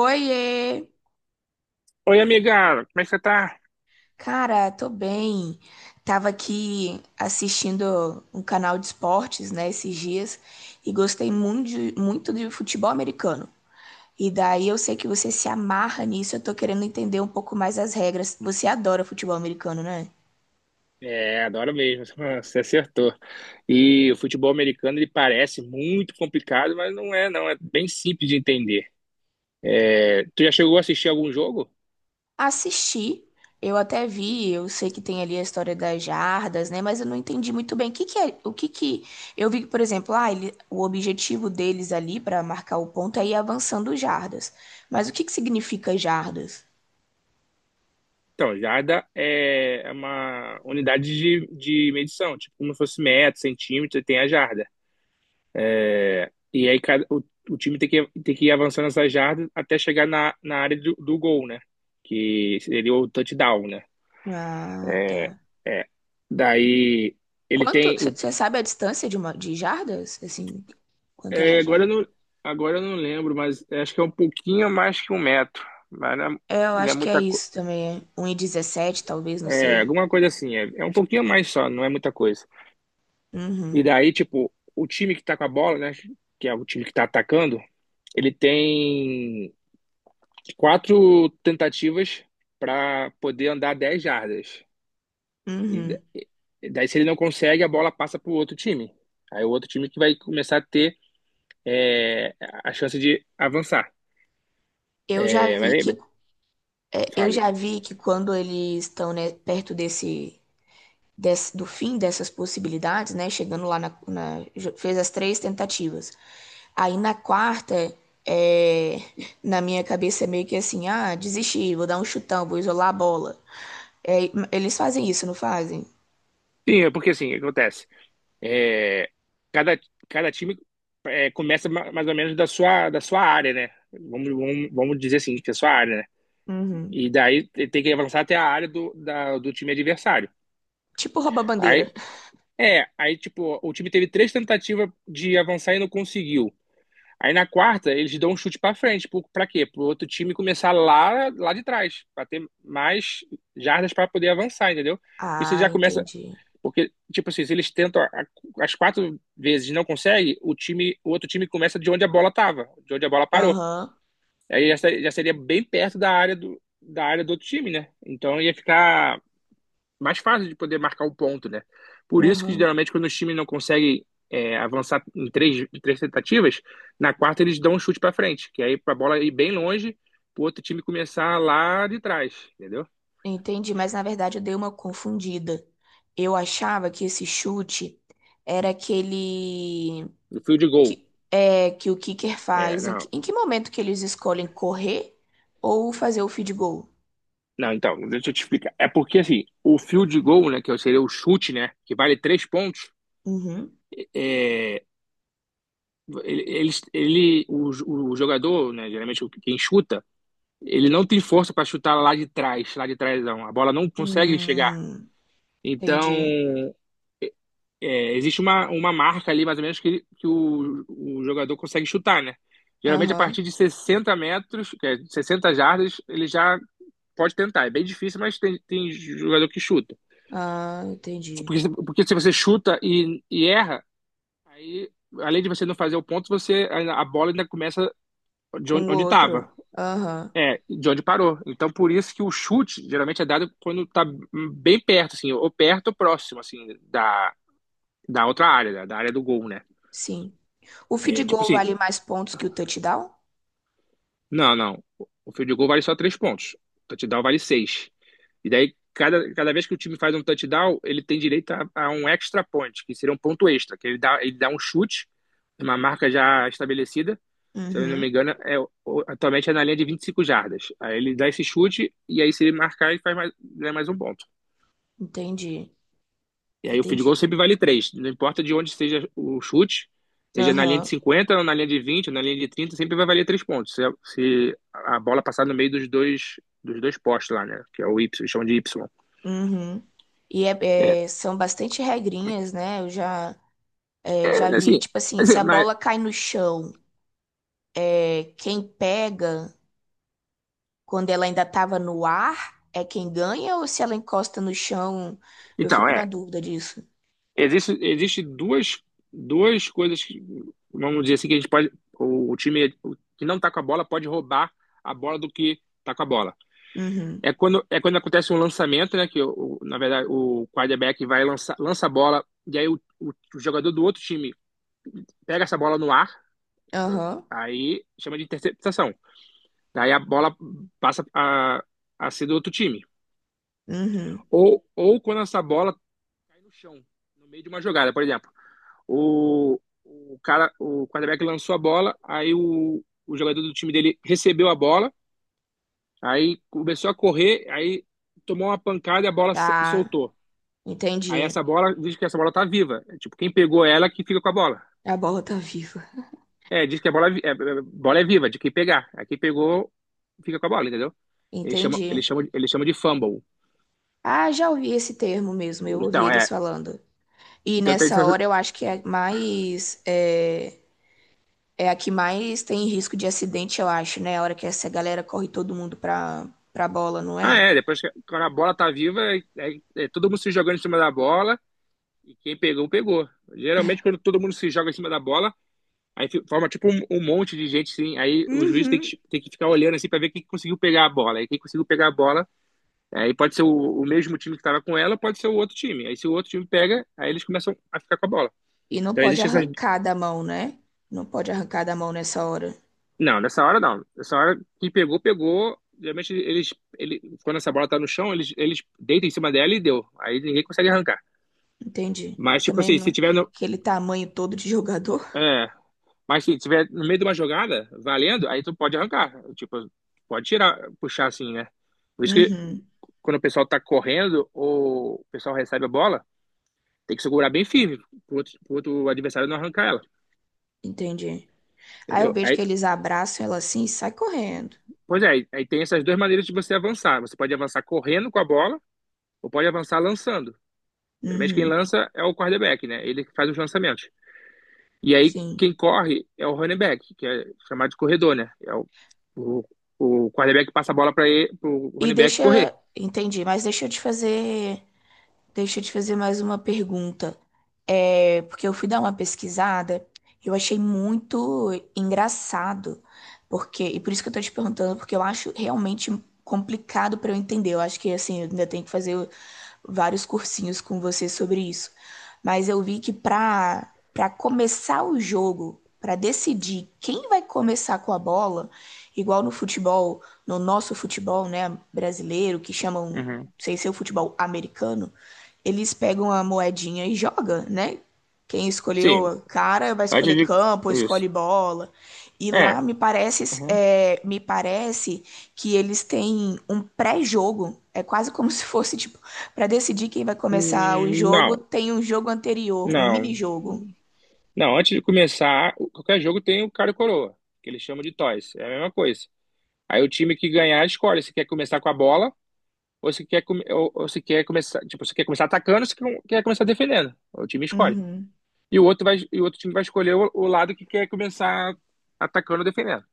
Oiê! Oi, amigão, como é que você tá? Cara, tô bem. Tava aqui assistindo um canal de esportes, né, esses dias, e gostei muito muito de futebol americano. E daí eu sei que você se amarra nisso, eu tô querendo entender um pouco mais as regras. Você adora futebol americano, né? É, adoro mesmo, você acertou. E o futebol americano, ele parece muito complicado, mas não é, não. É bem simples de entender. É, tu já chegou a assistir algum jogo? Assisti, eu até vi, eu sei que tem ali a história das jardas, né? Mas eu não entendi muito bem o que que é. O que que eu vi, por exemplo, ele, o objetivo deles ali para marcar o ponto é ir avançando jardas. Mas o que que significa jardas? Então, jarda é uma unidade de medição, tipo como se fosse metro, centímetro, tem a jarda. E aí o time tem que ir avançando essa jarda até chegar na área do gol, né? Que seria o touchdown, né? Ah, tá. É. Daí ele Quanto, tem. você sabe a distância de uma de jardas? Assim, quanto é uma É, jarda? Agora eu não lembro, mas é, acho que é um pouquinho mais que um metro. Mas não é, É, eu não é acho que é muita coisa. isso também, é um e dezessete talvez, não É, sei. alguma coisa assim. É, um pouquinho mais só, não é muita coisa. E Uhum, daí, tipo, o time que tá com a bola, né? Que é o time que tá atacando, ele tem 4 tentativas para poder andar 10 jardas. E, da- uhum. e daí, se ele não consegue, a bola passa pro outro time. Aí o outro time que vai começar a ter é, a chance de avançar. Eu já É, mas vi aí, que É, eu fale. já vi que quando eles estão, né, perto do fim dessas possibilidades, né, chegando lá fez as três tentativas. Aí na quarta, é, na minha cabeça é meio que assim, ah, desisti, vou dar um chutão, vou isolar a bola. É, eles fazem isso, não fazem? Sim, é porque assim, o que acontece? É, cada, cada time começa mais ou menos da sua área, né? Vamos dizer assim, que é a sua área, né? Uhum. E daí tem que avançar até a área do, do time adversário. Tipo rouba-bandeira. Aí, aí tipo, o time teve 3 tentativas de avançar e não conseguiu. Aí na quarta, eles dão um chute pra frente. Pra quê? Pro outro time começar lá, lá de trás, pra ter mais jardas pra poder avançar, entendeu? Porque você Ah, já começa. entendi. Porque, tipo assim, se eles tentam as 4 vezes e não conseguem, o outro time começa de onde a bola tava, de onde a bola parou. Aham, Aí já, já seria bem perto da área do outro time, né? Então ia ficar mais fácil de poder marcar um ponto, né? Por isso que aham. geralmente quando os times não conseguem avançar em três tentativas, na quarta eles dão um chute pra frente, que aí pra bola ir bem longe, pro outro time começar lá de trás, entendeu? Entendi, mas na verdade eu dei uma confundida. Eu achava que esse chute era aquele No fio de gol. que, é, que o kicker É, faz, em não. que, em que momento que eles escolhem correr ou fazer o field goal? Não, então, deixa eu te explicar. É porque, assim, o field goal, né, que seria o chute, né, que vale 3 pontos, Uhum. é, ele, ele, ele- o, o jogador, né, geralmente quem chuta, ele não tem força para chutar lá de trás, não. A bola não consegue chegar. Hum, Então, entendi. é, existe uma marca ali, mais ou menos, que, que o jogador consegue chutar, né? Geralmente, a partir Aham. de 60 metros, que é 60 jardas, ele já pode tentar. É bem difícil, mas tem, tem jogador que chuta. Ah, entendi. Porque, porque se você chuta e erra, aí, além de você não fazer o ponto, você a bola ainda começa de Com o onde outro. estava, Aham. é, de onde parou. Então, por isso que o chute geralmente é dado quando está bem perto, assim, ou perto ou próximo, assim, da, da outra área, da, da área do gol, né? Sim. O field É, tipo goal assim, vale mais pontos que o touchdown? não, não. O field goal vale só 3 pontos. O touchdown vale 6. E daí, cada vez que o time faz um touchdown, ele tem direito a um extra point, que seria um ponto extra, que ele dá um chute, uma marca já estabelecida. Se eu não me Uhum. engano, é, atualmente é na linha de 25 jardas. Aí ele dá esse chute, e aí se ele marcar, ele faz mais, ganha mais um ponto. Entendi. E aí o field goal Entendi. sempre vale 3. Não importa de onde seja o chute, seja na linha de Aham. 50, ou na linha de 20, ou na linha de 30, sempre vai valer 3 pontos. Se, se a bola passar no meio dos dois postes lá, né? Que é o Y, eles chamam de Y. Uhum. E É, são bastante regrinhas, né? Já é vi, assim, tipo assim, se assim, a mas, bola cai no chão, é, quem pega. Quando ela ainda estava no ar, é quem ganha ou se ela encosta no chão? Eu então, fico na é, dúvida disso. Existe duas, duas coisas, que, vamos dizer assim, que a gente pode, o time que não tá com a bola pode roubar a bola do que tá com a bola. Uhum. É quando acontece um lançamento, né? Que, na verdade, o quarterback vai lançar, lança a bola, e aí o, o jogador do outro time pega essa bola no ar, Aham. aí chama de interceptação. Daí a bola passa a ser do outro time. Uhum. Ou quando essa bola cai no chão, no meio de uma jogada, por exemplo. O cara, o quarterback lançou a bola, aí o jogador do time dele recebeu a bola, aí começou a correr, aí tomou uma pancada e a bola Tá. soltou. Aí Entendi. essa bola, diz que essa bola tá viva. É, tipo, quem pegou ela que fica com a bola. A bola tá viva. É, diz que a bola é, bola é viva, de quem pegar. Aí quem pegou fica com a bola, entendeu? Ele chama, ele Entendi. chama, ele chama de fumble. Ah, já ouvi esse termo mesmo. Eu ouvi Então, eles é. falando. E Então, tem nessa hora eu acho que é mais. É, é a que mais tem risco de acidente, eu acho, né? A hora que essa galera corre todo mundo pra bola, não ah, é? é. Depois que quando a bola tá viva, é, é todo mundo se jogando em cima da bola e quem pegou, pegou. Geralmente, quando todo mundo se joga em cima da bola, aí forma tipo um, um monte de gente, sim. Aí o juiz Uhum. Tem que ficar olhando assim pra ver quem conseguiu pegar a bola. Aí quem conseguiu pegar a bola. Aí pode ser o mesmo time que estava com ela, pode ser o outro time. Aí se o outro time pega, aí eles começam a ficar com a bola. E não Então pode existe essas. arrancar da mão, né? Não pode arrancar da mão nessa hora. Não, nessa hora não. Nessa hora, quem pegou, pegou. Geralmente eles. Ele, quando essa bola tá no chão, eles deitam em cima dela e deu. Aí ninguém consegue arrancar. Entendi. Ah, Mas, tipo também assim, se não... tiver no. aquele tamanho todo de jogador. É, mas se tiver no meio de uma jogada, valendo, aí tu pode arrancar. Tipo, pode tirar, puxar assim, né? Por isso que Uhum. quando o pessoal tá correndo ou o pessoal recebe a bola, tem que segurar bem firme pro outro adversário não arrancar ela. Entendi. Aí eu Entendeu? vejo que Aí, eles abraçam ela assim e sai correndo. pois é, aí tem essas duas maneiras de você avançar. Você pode avançar correndo com a bola ou pode avançar lançando. Geralmente quem Uhum. lança é o quarterback, né? Ele que faz os lançamentos. E aí Sim. quem corre é o running back, que é chamado de corredor, né? É o, o quarterback passa a bola para o E running back correr. deixa. Entendi, mas deixa eu te fazer Deixa eu te fazer mais uma pergunta. É, porque eu fui dar uma pesquisada, eu achei muito engraçado, porque, e por isso que eu tô te perguntando, porque eu acho realmente complicado para eu entender. Eu acho que assim, eu ainda tenho que fazer vários cursinhos com você sobre isso. Mas eu vi que para começar o jogo, para decidir quem vai começar com a bola, igual no futebol, no nosso futebol, né, brasileiro, que chamam, não Uhum. sei se é o futebol americano, eles pegam a moedinha e joga, né? Quem Sim, escolheu cara vai escolher antes de. campo, Isso. escolhe bola. E É. lá me parece, Uhum. Me parece que eles têm um pré-jogo. É quase como se fosse tipo para decidir quem vai começar o jogo, não, tem um jogo anterior, um não. mini-jogo. Não, antes de começar, qualquer jogo tem o cara e coroa, que eles chamam de toys. É a mesma coisa. Aí o time que ganhar escolhe se quer começar com a bola ou se quer, ou se quer começar, tipo, se quer começar atacando ou se quer começar defendendo. O time escolhe. Uhum. E o outro vai, e o outro time vai escolher o lado que quer começar atacando ou defendendo.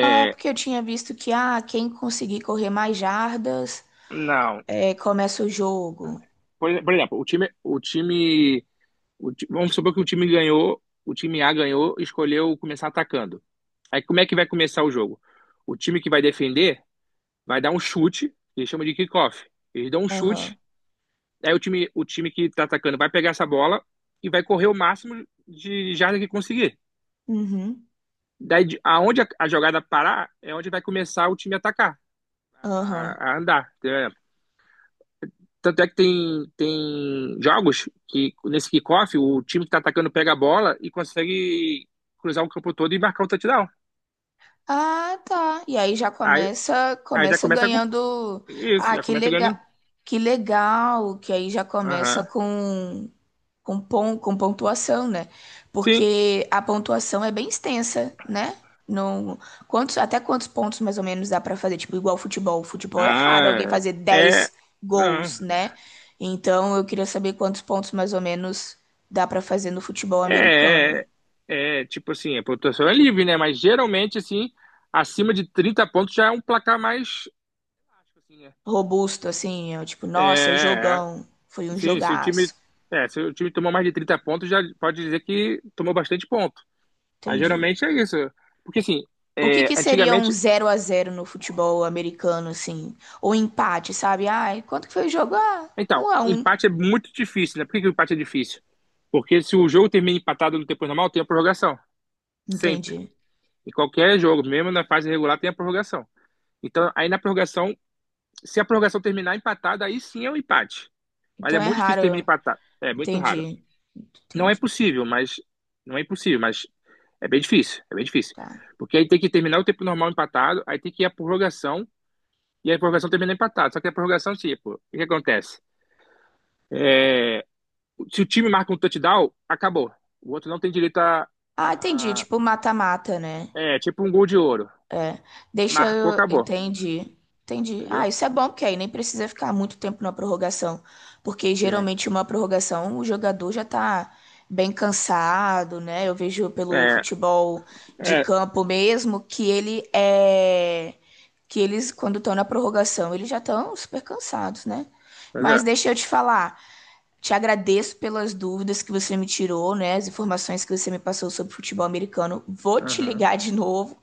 Ah, é porque eu tinha visto que ah, quem conseguir correr mais jardas não. é, começa o jogo. Por, por exemplo, o time, o time, o ti- vamos supor que o time ganhou, o time A ganhou, e escolheu começar atacando. Aí como é que vai começar o jogo? O time que vai defender vai dar um chute, eles chamam de kickoff. Eles dão um Aham. chute. Aí o time que tá atacando vai pegar essa bola e vai correr o máximo de jardas que conseguir. Uhum. Daí, aonde a jogada parar, é onde vai começar o time a atacar, Aham. A andar. É, tanto é que tem, tem jogos que, nesse kickoff, o time que tá atacando pega a bola e consegue cruzar o campo todo e marcar um touchdown. Ah, tá. E aí já Aí, começa, aí já começa começa a, ganhando. isso, Ah, já que começa legal, ganhando. que legal, que aí já começa Aham. Com, pon, com pontuação, né? Sim. Porque a pontuação é bem extensa, né? Não, quantos, até quantos pontos mais ou menos dá pra fazer? Tipo, igual futebol. Futebol é raro alguém Ah, fazer é. É, dez não. gols, né? Então eu queria saber quantos pontos mais ou menos dá pra fazer no futebol americano. É, é, tipo assim, a pontuação é livre, né? Mas geralmente, assim, acima de 30 pontos já é um placar mais. Assim, né? Robusto, assim, eu, tipo, nossa, é É, jogão, foi um sim, se o time, jogaço. Se o time tomou mais de 30 pontos, já pode dizer que tomou bastante ponto. Mas Entendi. geralmente é isso. Porque assim, O que é, que seria um antigamente. zero a zero no futebol americano, assim? Ou empate, sabe? Ai, quanto que foi o jogo? Ah, Então, 1 a um. empate é muito difícil, né? Por que que o empate é difícil? Porque se o jogo termina empatado no tempo normal, tem a prorrogação. Sempre. Entendi. Em qualquer jogo, mesmo na fase regular, tem a prorrogação. Então, aí na prorrogação, se a prorrogação terminar empatada, aí sim é um empate. Mas é Então é muito difícil terminar raro. empatado. É muito raro. Entendi. Não é Entendi. possível, mas. Não é impossível, mas é bem difícil. É bem difícil. Tá. Porque aí tem que terminar o tempo normal empatado, aí tem que ir a prorrogação, e a prorrogação termina empatado. Só que a prorrogação, tipo, o que acontece? Se o time marca um touchdown, acabou. O outro não tem direito a. Ah, entendi. A Tipo, mata-mata, né? é, tipo um gol de ouro. É, deixa Marcou, eu. acabou. Entendi. Entendi. Ah, Entendeu? isso é bom, porque aí nem precisa ficar muito tempo na prorrogação. Porque Sim. geralmente uma prorrogação o jogador já tá bem cansado, né? Eu vejo pelo É, futebol de é. campo mesmo que ele é. Que eles, quando estão na prorrogação, eles já estão super cansados, né? Mas Mas é. deixa eu te falar. Te agradeço pelas dúvidas que você me tirou, né? As informações que você me passou sobre futebol americano. Vou te Uhum. ligar de novo,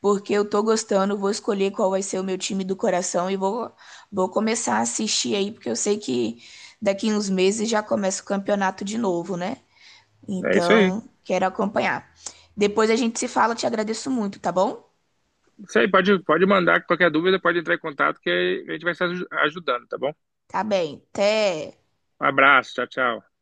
porque eu tô gostando, vou escolher qual vai ser o meu time do coração e vou, vou começar a assistir aí, porque eu sei que daqui uns meses já começa o campeonato de novo, né? É isso aí. Então, quero acompanhar. Depois a gente se fala, te agradeço muito, tá bom? Isso aí, pode, pode mandar qualquer dúvida, pode entrar em contato que a gente vai estar ajudando, tá bom? Tá bem. Até. Um abraço, tchau, tchau.